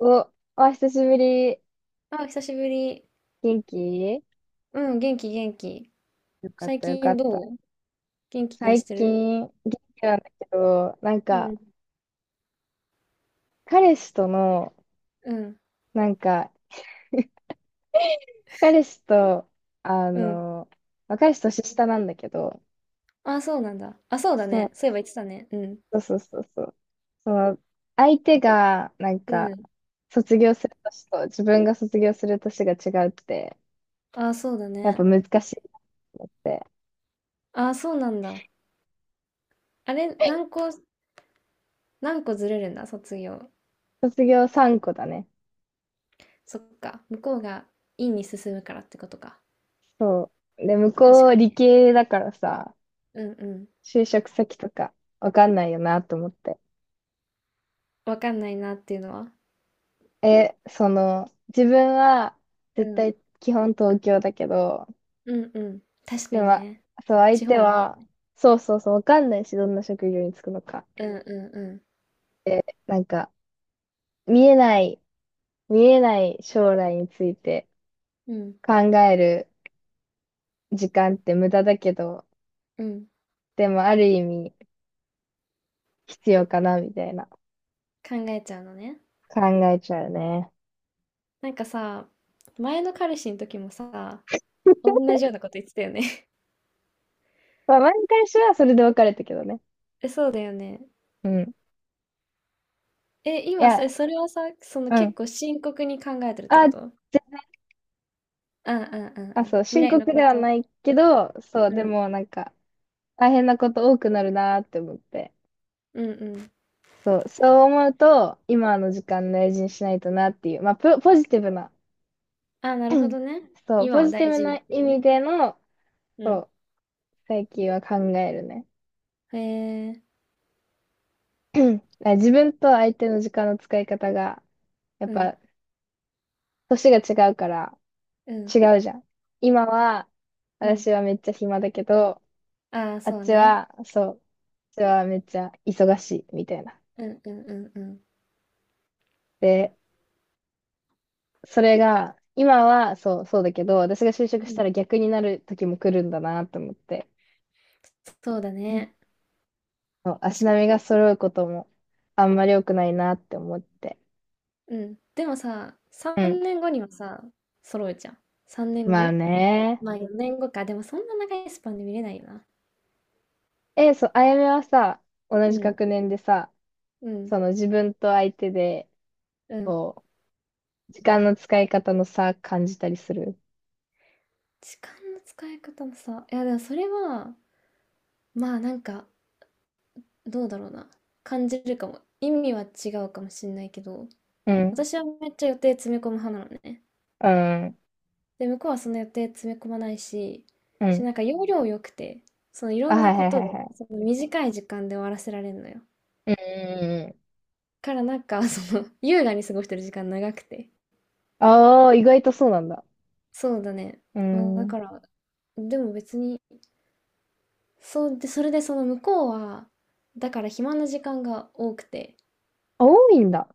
お、お久しぶり。あ、久しぶり。元気？うん、元気元気。よかっ最た、よか近っどた。う元気にし最てる？近、元気なんだけど、なんうか、ん、彼氏との、うん、なんか、彼氏と、あうん。の、まあ彼氏年下なんだけど、あ、そうなんだ。あ、そうだそう、ね。そういえば言ってたね。うん、そうそうそうそう。その、相手が、なんうか、ん。卒業する年と、自分が卒業する年が違うって、あ、そうだやっぱね。難しいなと思って。あ、そうなんだ。あれ、何個、何個ずれるんだ、卒業。卒業3個だね。そっか。向こうが院に進むからってことか。そう。で、向確こかうに理ね。系だからさ、うん、うん。就職先とかわかんないよなと思って。わかんないなっていうのは？え、その、自分はう絶ん、対基本東京だけど、うん、うん。確かでにも、ね。そう、相地手方もあは、る？そうそうそう、わかんないし、どんな職業に就くのか。うん、うで、なんか、見えない、見えない将来についてん、うん。考える時間って無駄だけど、うん、うん。でもある意味必要かな、みたいな考えちゃうのね。考えちゃうね。なんかさ、前の彼氏の時もさ、同じようなこと言ってたよね。まあ、前に彼氏はそれで別れたけどね。え、そうだよね。うん。え、い今、そや、れ、それはさ、そのうん。結構深刻に考えてるってあ、こと？うんうんうんあ、うん。そう、未深来の刻でこはと。ないけど、そう、うでん。もなんか、大変なこと多くなるなーって思って。うんうん。そう、そう思うと、今の時間大事にしないとなっていう、まあ、ポジティブな、あ、なるほどね。そう、今ポをジティ大ブ事になって意いう味ね。での、うそん。う、最近は考えるね。へえ。だから自分と相手の時間の使い方が、やっうん。ぱ、年が違うからうん。違うじゃん。今は、うん。私はめっちゃ暇だけど、ああ、あっそうちね。は、そう、あっちはめっちゃ忙しいみたいな。うんうんうんうん。で、それが、今はそう、そうだけど、私が就職うしたん。ら逆になる時も来るんだなと思って、そうだうん、ね。そう、足確か並にみがね。揃うこともあんまり良くないなって思って。うん。でもさ、うん。3年後にはさ、揃うじゃん。3年後、まあね。まあ4年後か。でもそんな長いスパンで見れないよな。え、そう、あやめはさ、同うじん。学年でさ、うん。その自分と相手で、うん。こう、時間の使い方の差感じたりする？時間の使い方もさ。いやでもそれは、まあなんか、どうだろうな。感じるかも。意味は違うかもしんないけど、うん。私はめっちゃ予定詰め込む派なのね。うん。で、向こうはその予定詰め込まないし、うし、ん。なんか要領良くて、そのいろあ、んはないこはいとはを、いはその短い時間で終わらせられるのよ。い。うん。からなんか、その、優雅に過ごしてる時間長くて。ああ、意外とそうなんだ。そうだね。うまあだん。から、でも別に、そうで、それでその向こうは、だから暇な時間が多くて、あ多いんだ。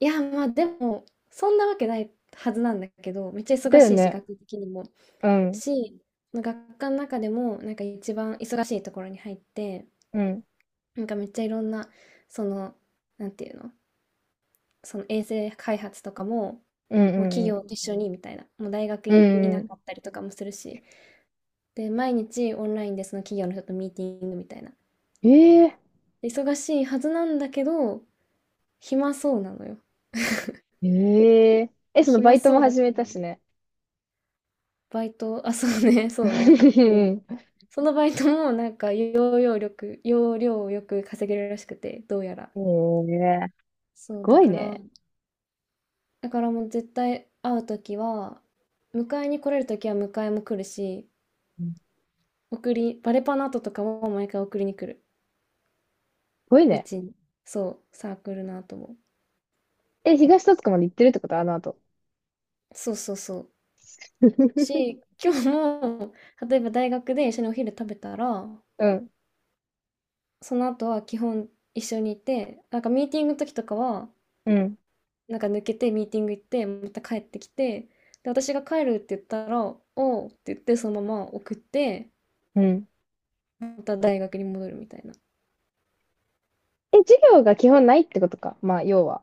いや、まあでも、そんなわけないはずなんだけど、めっちゃだ忙よしいし、ね。学的にも。うん。し、その学科の中でも、なんか一番忙しいところに入って、うん。なんかめっちゃいろんな、その、なんていうの、その衛星開発とかも、うもうん、企う業ん、と一緒にみたいな、もう大学うい、いん。うなん。かったりとかもするし、で、毎日オンラインでその企業の人とミーティングみたいな。ええで忙しいはずなんだけど、暇そうなのよ。えええ、そのバ暇イトもそうだ始かめら、たしね。バイト、あ、そうね、そうね。うん、うそのバイトもなんか要領力、要領をよく稼げるらしくて、どうやら。ええすそう、だごいから、ね。だからもう絶対会うときは、迎えに来れるときは迎えも来るし、うんす送り、バレパの後とかも毎回送りに来る。ごいうね。ちに。そう、サークルの後も。え、東戸塚まで行ってるってことあの後？そうそうそう。し、今日も、例えば大学で一緒にお昼食べたら、うん、その後は基本一緒にいて、なんかミーティングの時とかは、うん、なんか抜けてミーティング行って、また帰ってきて、で、私が帰るって言ったら、おうって言って、そのまま送って、うん。また大学に戻るみたいな。え、授業が基本ないってことか。まあ、要は。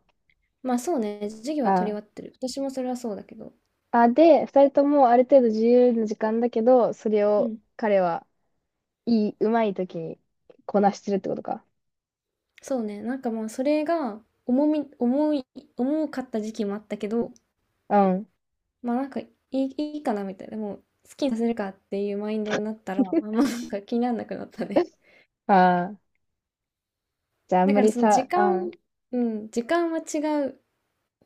まあそうね、授業は取り終あわってる。私もそれはそうだけど。あ。あ、で、二人ともある程度自由な時間だけど、それうをん。彼はうまい時にこなしてるってことか。そうね、なんかまあそれが重み、重い、重かった時期もあったけど、うん。まあなんかいい、いいかなみたいな、もう好きにさせるかっていうマインドになったら、あんまなんか気にならなくなったね。ああ。じゃあ、あんだまからりその時さ、あ、間、うん、時間は違う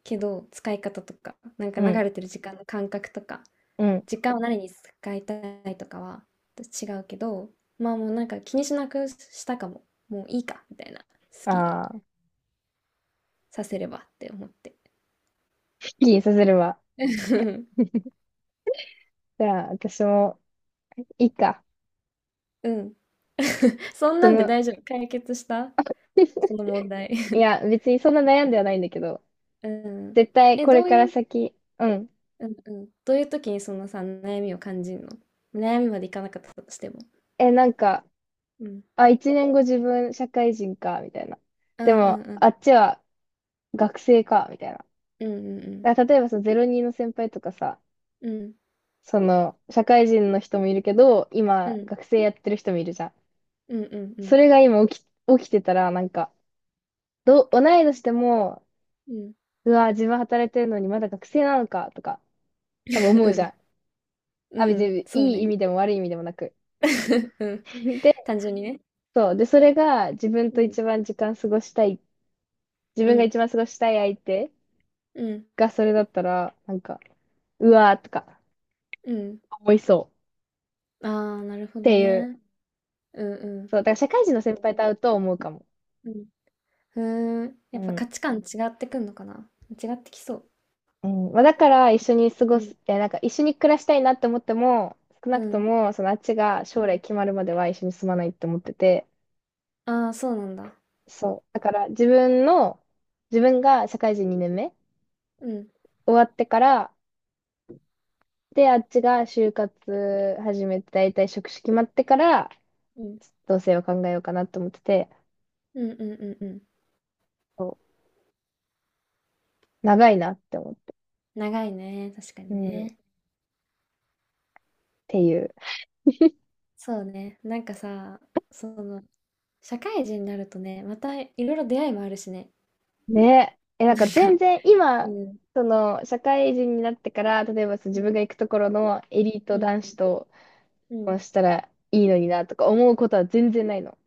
けど、使い方とか、なんかう流ん、れてる時間の感覚とか、うん。時間を何に使いたいとかは違うけど、まあもうなんか気にしなくしたかも。もういいか、みたいな。好きにああ、させればって思って。すっきりさせるわ。じゃあ、私も、いいか。うん。そんそなんでの、大丈夫。解決したその問題。いや、別にそんな悩んではないんだけど、うん。絶対え、これどうからいう、先、うん。うんうん。どういう時にそのさ、悩みを感じるの？悩みまでいかなかったとしても。え、なんか、うん。あ、一年後自分社会人か、みたいな。うでんうんも、うあっんちは学生か、みたいな。うんうんうだん。から例えばさ、02の先輩とかさ、うん。その、社会人の人もいるけど、う今、ん学生やってる人もいるじゃん。うんうそん。れが今起きてたら、なんか、同い年でも、うん。うわ、自分働いてるのにまだ学生なのか、とか、うん。多分思うじゃん。あ、う別ん。にそういい意ね。味でも悪い意味でもなく。うん。で、単純にね。そう。で、それが自分うとん。一番時間過ごしたい、自う分がん。一番過ごしたい相手うん。がそれだったら、なんか、うわーとかうん。思いそうああ、なるほっどていう。ね。うんうん。そう。だから社会人の先輩と会うと思うかも。うん。ふーん。うやっぱん。価値観違ってくんのかな？違ってきそう。うん。まあ、だから一緒に過ごうん。す、え、なんか一緒に暮らしたいなって思っても、少なうくとん。も、そのあっちが将来決まるまでは一緒に住まないって思ってて、ああ、そうなんだ。そう。だから自分の、自分が社会人2年目うん。終わってから、で、あっちが就活始めて、だいたい職種決まってから、うん。同棲を考えようかなと思ってて、うんうんうんうん。そう長いなって思って、長いね。確かうにん、っね。ていう。そうね。なんかさ、その、社会人になるとね、またいろいろ出会いもあるしね。ね。え、なんなんか全か、然う今、ん。その、社会人になってから、例えばそうう自ん分が行くところのエリーうトん、男子とうこん。うしたらいいのになとか思うことは全然ないの。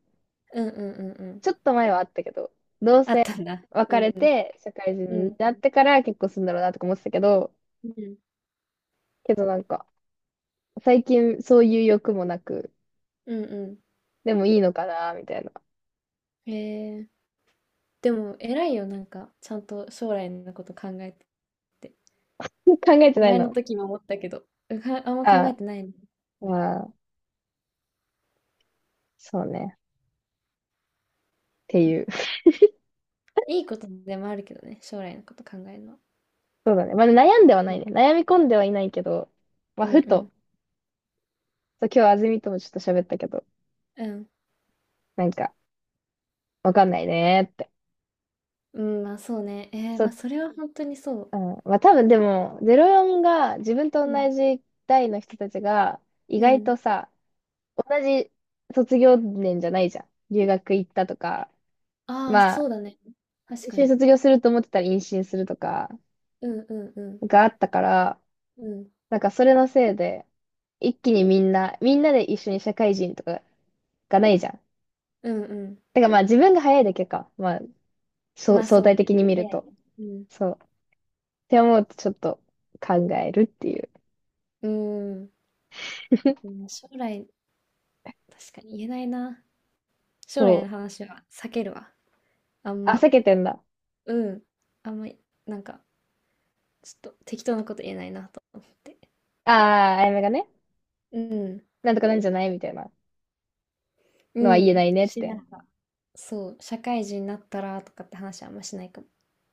うんうんうんうん。ちょっと前はあったけど、同あっ棲たんだ。う別れん。て、社会う人にん。なってから結婚するんだろうなとか思ってたけど、うん。けどなんか、最近そういう欲もなく、うんうでもいいのかなみたいな。ん。へえ。でも偉いよ、なんか、ちゃんと将来のこと考えてて。考えてない前のの。時も思ったけど、うか、あんま考あえてないね。あ、まあ、そうね。っていう。いいことでもあるけどね、将来のこと考えるのは。そうだね。まあ、悩んではなういね。ん。悩み込んではいないけど、まあ、うんうふと、ん。そう今日あずみともちょっと喋ったけど、うん。なんか、わかんないねーって。うん、まあそうね。えー、そまあう、それは本当にそう。うん。まあ、多分でも、04が自分とうん。同じ代の人たちが、意う外ん。とさ、同じ卒業年じゃないじゃん。留学行ったとか、ああ、まそうあ、だね。確か一緒にに。卒業すると思ってたら妊娠するとか、うんうんうん。があったから、うん。なんかそれのせいで、一気にみんなで一緒に社会人とかがないじゃん。うんうん。だからまあ自分が早いだけか。まあ、そうまあ相そう対ね。的に見る早いと。ね。うそう。って思うとちょっと考えるっていう。ん。うん。う ん、将来、確かに言えないな。将そ来のう。話は避けるわ。あんあ、ま。避けてんだ。うん。あんま、なんか、ちょっと適当なこと言えないなと思って。ああ、あやめがね、うん。なんとかなんじゃないみたいなうのは言えなん。いねっしなて。がら、そう、社会人になったらとかって話はあんましないかも。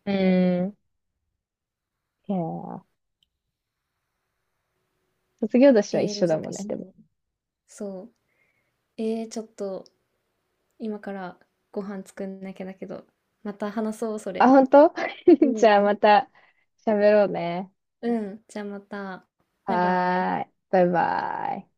うーん。いやー卒業年は一えー、緒難だもんね、しいでも。ね。そう。えー、ちょっと、今からご飯作んなきゃだけど、また話そう、そあ、れ。本当？ う じゃあん。また喋ろうね。うん。じゃあまた。バイバイ。はーい。バイバイ。